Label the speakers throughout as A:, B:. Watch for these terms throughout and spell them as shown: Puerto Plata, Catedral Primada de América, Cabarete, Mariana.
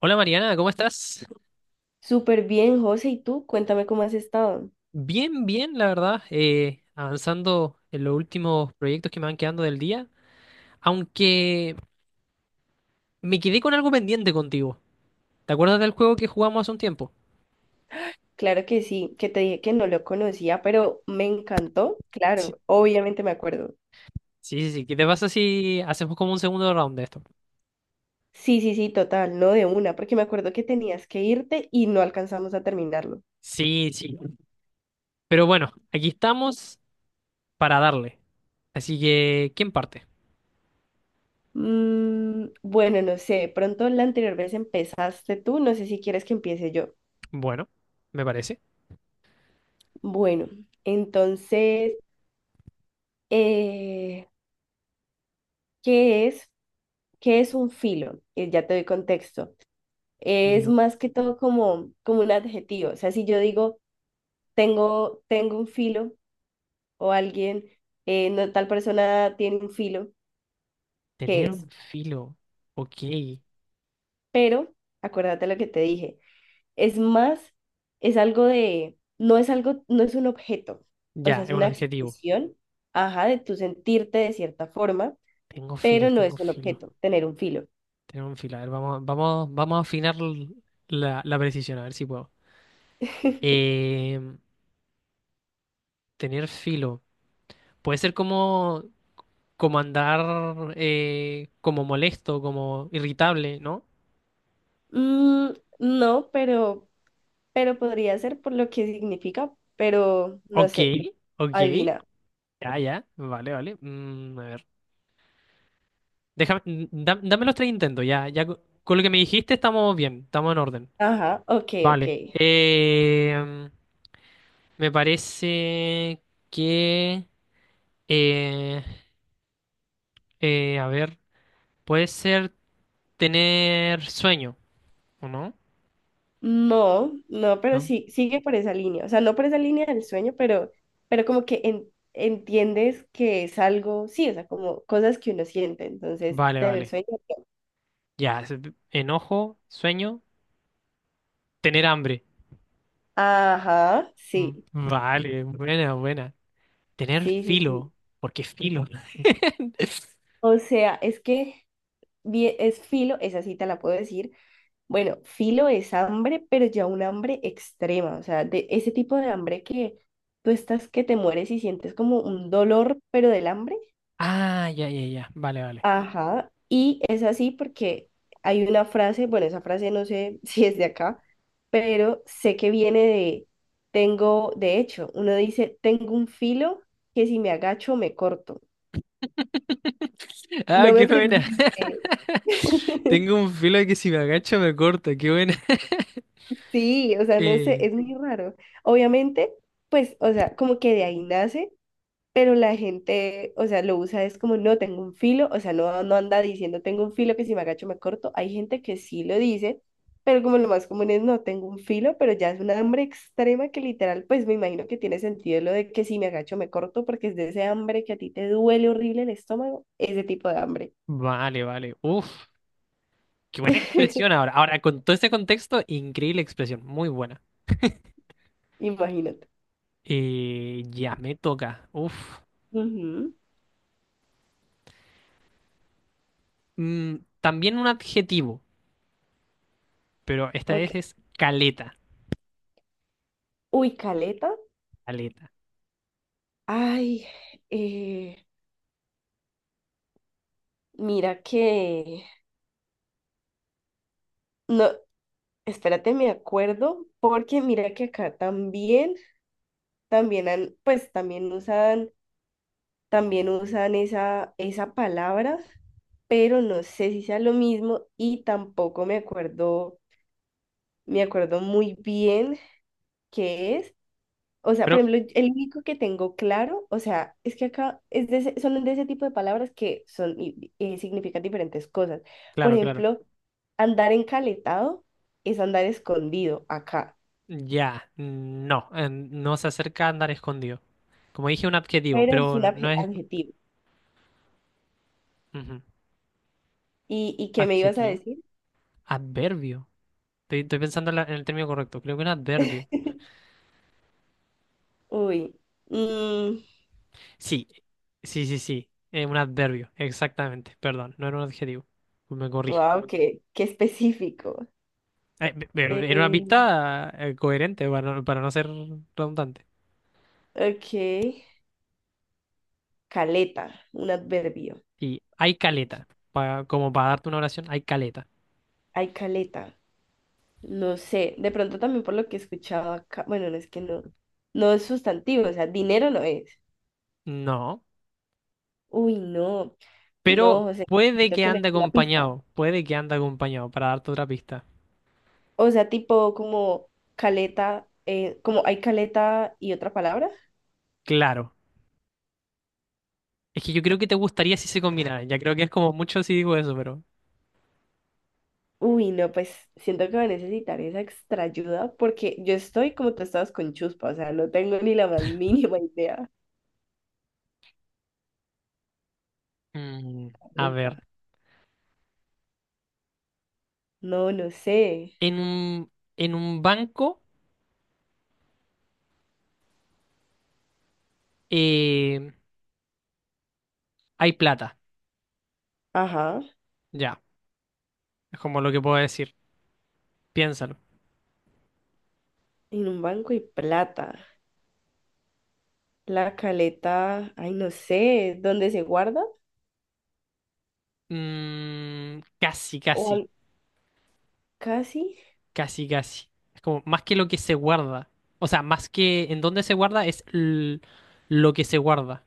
A: Hola Mariana, ¿cómo estás?
B: Súper bien, José. ¿Y tú? Cuéntame cómo has estado.
A: Bien, bien, la verdad, avanzando en los últimos proyectos que me van quedando del día, aunque me quedé con algo pendiente contigo. ¿Te acuerdas del juego que jugamos hace un tiempo?
B: Claro que sí, que te dije que no lo conocía, pero me encantó.
A: Sí,
B: Claro, obviamente me acuerdo.
A: sí, sí, sí, ¿qué te pasa si hacemos como un segundo round de esto?
B: Sí, sí, sí, total, no de una, porque me acuerdo que tenías que irte y no alcanzamos a terminarlo.
A: Sí, sí, pero bueno, aquí estamos para darle, así que, ¿quién parte?
B: Mm, bueno, no sé, de pronto la anterior vez empezaste tú, no sé si quieres que empiece yo.
A: Bueno, me parece.
B: Bueno, entonces, eh, ¿qué es? ¿Qué es un filo? Ya te doy contexto. Es
A: Filo,
B: más que todo como, un adjetivo. O sea, si yo digo, tengo un filo o alguien, no, tal persona tiene un filo, ¿qué
A: tener
B: es?
A: un filo, ok,
B: Pero, acuérdate lo que te dije, es más, es algo de, no es un objeto, o sea,
A: ya,
B: es
A: es un
B: una
A: adjetivo.
B: expresión, ajá, de tu sentirte de cierta forma,
A: Tengo filo,
B: pero no
A: tengo
B: es un
A: filo.
B: objeto, tener un filo.
A: Tenemos un filo. A ver, vamos, vamos, vamos a afinar la precisión, a ver si puedo. Eh, tener filo. Puede ser como, como andar como molesto, como irritable, ¿no?
B: Mm, no, pero podría ser por lo que significa, pero no
A: Ok,
B: sé,
A: ok.
B: adivina.
A: Ya, ya. Vale, vale. Mm, a ver. Déjame, dame los tres intentos. Ya, ya. Con lo que me dijiste estamos bien, estamos en orden.
B: Ajá, ok, ok.
A: Vale. Me parece que... eh, a ver. Puede ser, tener sueño, ¿o no?
B: No, no, pero
A: ¿No?
B: sí, sigue por esa línea. O sea, no por esa línea del sueño, pero como que entiendes que es algo, sí, o sea, como cosas que uno siente. Entonces,
A: Vale,
B: tener
A: vale.
B: sueño. ¿No?
A: Ya, enojo, sueño, tener hambre.
B: Ajá, sí,
A: Mm, vale, buena, buena. Tener
B: sí, sí, sí.
A: filo, porque filo.
B: O sea, es que es filo, esa sí te la puedo decir. Bueno, filo es hambre, pero ya un hambre extrema. O sea, de ese tipo de hambre que tú estás que te mueres y sientes como un dolor, pero del hambre.
A: Ah, ya, ya, ya. Vale, vale.
B: Ajá, y es así porque hay una frase, bueno, esa frase no sé si es de acá, pero sé que viene de, de hecho, uno dice, tengo un filo que si me agacho me corto.
A: Ah,
B: No
A: qué
B: me
A: buena.
B: pregunté.
A: Tengo un filo que si me agacho me corta, qué buena.
B: Sí, o sea, no sé,
A: Eh,
B: es muy raro. Obviamente, pues, o sea, como que de ahí nace. Pero la gente, o sea, lo usa es como, no tengo un filo, o sea, no anda diciendo tengo un filo que si me agacho me corto. Hay gente que sí lo dice, pero como lo más común es no tengo un filo, pero ya es una hambre extrema que literal, pues me imagino que tiene sentido lo de que si me agacho me corto, porque es de ese hambre que a ti te duele horrible el estómago, ese tipo de hambre.
A: vale, vale. Uf, qué buena expresión ahora. Ahora, con todo este contexto, increíble expresión, muy buena.
B: Imagínate.
A: Ya, me toca. Uf.
B: Ujú,
A: Mm, también un adjetivo, pero esta
B: ok.
A: vez es caleta,
B: Uy, caleta.
A: caleta.
B: Ay, eh, mira que no, espérate, me acuerdo, porque mira que acá también, pues también usan, esa, esa palabra, pero no sé si sea lo mismo y tampoco me acuerdo, me acuerdo muy bien qué es. O sea,
A: Pero,
B: por ejemplo, el único que tengo claro, o sea, es que acá es de son de ese tipo de palabras que son, y significan diferentes cosas. Por
A: claro, claro.
B: ejemplo, andar encaletado es andar escondido acá.
A: Ya, no, no se acerca a andar escondido. Como dije, un adjetivo,
B: Pero es
A: pero
B: un
A: no no es...
B: adjetivo.
A: Ujú.
B: Y qué me ibas a
A: Adjetivo.
B: decir?
A: Adverbio. Estoy pensando en, en el término correcto. Creo que un adverbio.
B: Uy,
A: Sí, sí, sí, sí, un adverbio, exactamente. Perdón, no era un adjetivo. Me corrijo.
B: wow, qué, qué específico.
A: Pero era una
B: Eh,
A: pista coherente para, para no ser redundante.
B: ok, caleta, un adverbio.
A: Y hay caleta. Como para darte una oración, hay caleta.
B: Ay, caleta, no sé, de pronto también por lo que he escuchado acá, bueno, no es sustantivo, o sea, dinero no es.
A: No.
B: Uy, no, no,
A: Pero
B: José,
A: puede
B: necesito
A: que
B: que me
A: ande
B: des una pista.
A: acompañado, puede que ande acompañado, para darte otra pista.
B: O sea, tipo como caleta, como hay caleta y otra palabra.
A: Claro. Es que yo creo que te gustaría si se combinaran. Ya creo que es como mucho si digo eso, pero...
B: Uy, no, pues siento que va a necesitar esa extra ayuda porque yo estoy como tú estabas con chuspa, o sea, no tengo ni la más mínima idea.
A: Mm, a
B: Caleta.
A: ver.
B: No, no sé.
A: En un, en un banco eh, hay plata.
B: Ajá,
A: Ya. Es como lo que puedo decir. Piénsalo.
B: en un banco y plata. La caleta, ay, no sé, ¿dónde se guarda?
A: Mm, casi,
B: O
A: casi.
B: al- casi.
A: Casi, casi. Es como más que lo que se guarda. O sea, más que en dónde se guarda es lo que se guarda.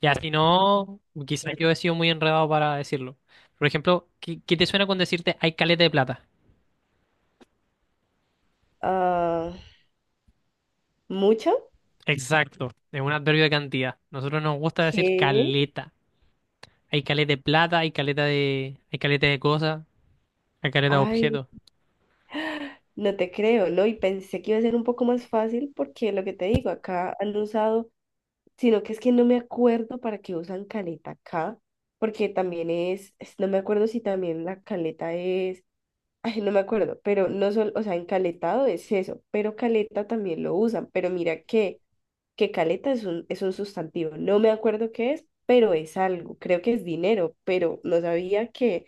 A: Ya, si no, quizás yo he sido muy enredado para decirlo. Por ejemplo, ¿qué, qué te suena con decirte hay caleta de plata?
B: Ah, ¿mucha?
A: Exacto, es un adverbio de cantidad. Nosotros nos gusta decir
B: ¿Qué?
A: caleta. Hay caleta de plata, hay caleta de cosas, hay caleta de
B: Ay,
A: objetos.
B: no te creo, ¿no? Y pensé que iba a ser un poco más fácil porque lo que te digo, acá han usado sino que es que no me acuerdo para qué usan caleta acá, porque también no me acuerdo si también la caleta es, ay, no me acuerdo, pero no solo, o sea, encaletado es eso, pero caleta también lo usan, pero mira que caleta es es un sustantivo, no me acuerdo qué es, pero es algo, creo que es dinero, pero no sabía que,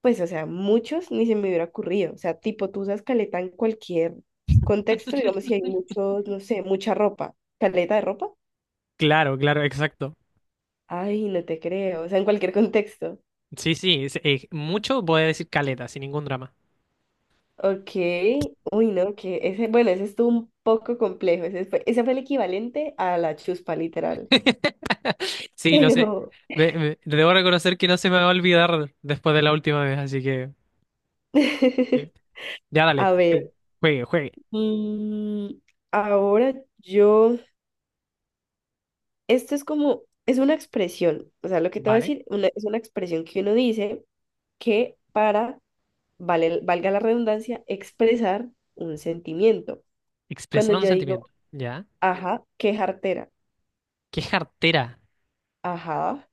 B: pues, o sea, muchos ni se me hubiera ocurrido, o sea, tipo, tú usas caleta en cualquier contexto, digamos, si hay muchos, no sé, mucha ropa, caleta de ropa.
A: Claro, claro, exacto.
B: Ay, no te creo, o sea, en cualquier contexto.
A: Sí, sí, mucho puede decir caleta, sin ningún drama.
B: Ok, uy, no, que ese, bueno, ese estuvo un poco complejo, ese fue el equivalente a la chuspa, literal.
A: Sí, no sé.
B: Pero,
A: Debo reconocer que no se me va a olvidar después de la última vez, así que. Sí. Ya dale.
B: a ver,
A: Te- Juegue, juegue.
B: mm, ahora yo, esto es como, es una expresión, o sea, lo que te voy a
A: Vale.
B: decir es una expresión que uno dice que para, vale, valga la redundancia, expresar un sentimiento. Cuando
A: Expresar un
B: yo digo,
A: sentimiento. Ya.
B: ajá, qué jartera,
A: ¿Qué es jartera?
B: ajá,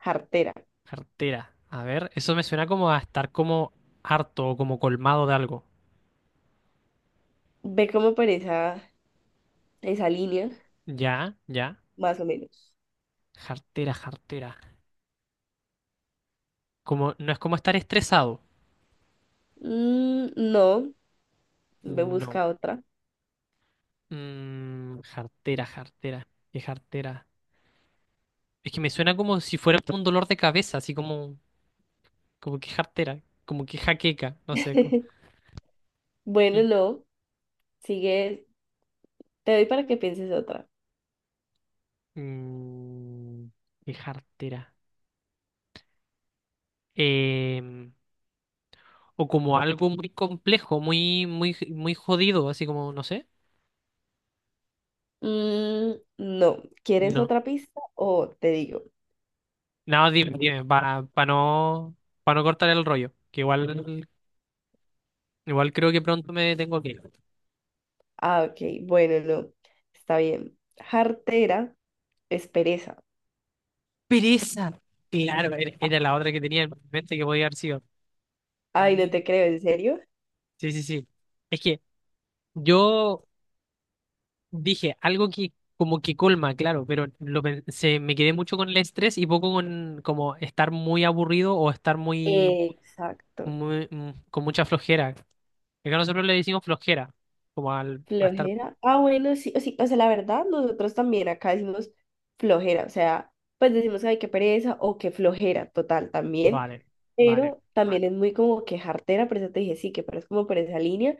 B: jartera.
A: Jartera. A ver, eso me suena como a estar como harto o como colmado de algo.
B: Ve como por esa, esa línea,
A: Ya, ya.
B: más o menos.
A: Jartera, jartera. Como, no es como estar estresado.
B: Mm, no, ve
A: No.
B: busca otra.
A: Mm, jartera, jartera. ¿Qué jartera? Es que me suena como si fuera un dolor de cabeza, así como, como que jartera, como que jaqueca, no sé. Como-
B: Bueno, no, sigue, te doy para que pienses otra.
A: Mm, mm, ¿qué jartera? Em, o como algo muy complejo, muy jodido, así como, no sé.
B: Mm, no, ¿quieres
A: No.
B: otra pista o te digo?
A: No, dime, dime, para no cortar el rollo, que igual, igual creo que pronto me tengo que ir.
B: Ah, ok, bueno, no, está bien. Jartera es pereza.
A: Pereza. Claro, era la otra que tenía en mente que podía haber sido.
B: Ay, no
A: Mm,
B: te creo, ¿en serio?
A: sí, sí, sí. Es que yo dije algo que como que colma, claro, pero lo pensé, me quedé mucho con el estrés y poco con como estar muy aburrido o estar muy,
B: Exacto.
A: muy con mucha flojera. Acá nosotros le decimos flojera, como al, a estar,
B: Flojera. Ah, bueno, sí, o sí, o sea, la verdad, nosotros también acá decimos flojera, o sea, pues decimos, ay, qué pereza o qué flojera, total, también,
A: vale, vale,
B: pero también es muy como que jartera, por eso te dije, sí, que pero es como por esa línea.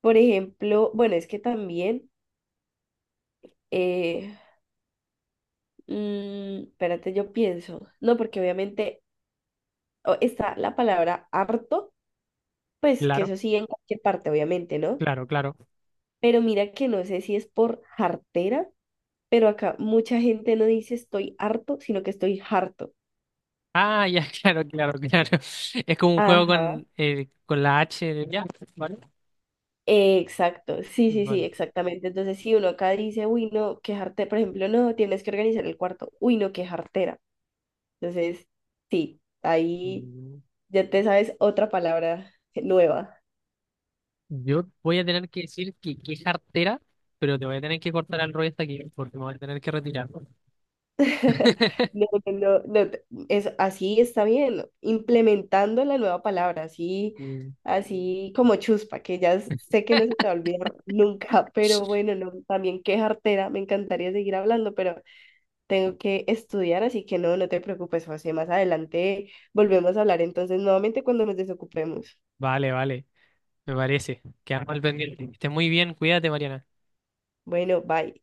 B: Por ejemplo, bueno, es que también, eh, mm, espérate, yo pienso, no, porque obviamente está la palabra harto, pues que
A: claro.
B: eso sí en cualquier parte, obviamente, ¿no?
A: Claro, claro.
B: Pero mira que no sé si es por jartera pero acá mucha gente no dice estoy harto, sino que estoy harto.
A: Ah, ya, claro, claro, claro. Es como un juego
B: Ajá.
A: con la H. De- Ya, vale.
B: Exacto, sí, sí, sí,
A: Vale.
B: exactamente. Entonces, si uno acá dice, uy, no, qué jartera por ejemplo, no, tienes que organizar el cuarto, uy, no, qué jartera. Entonces, sí, ahí
A: Mm,
B: ya te sabes otra palabra nueva.
A: yo voy a tener que decir que es artera, pero te voy a tener que cortar al rollo hasta aquí porque me voy a tener que retirar.
B: No, no, no, no, es, así está bien, implementando la nueva palabra, así,
A: Mm,
B: así como chuspa, que ya sé que no se te va a olvidar nunca, pero bueno, no, también qué jartera, me encantaría seguir hablando, pero tengo que estudiar, así que no, no te preocupes, José, más adelante volvemos a hablar entonces nuevamente cuando nos desocupemos.
A: vale, vale. Me parece. Quedamos al pendiente. Que estés muy bien. Cuídate, Mariana.
B: Bueno, bye.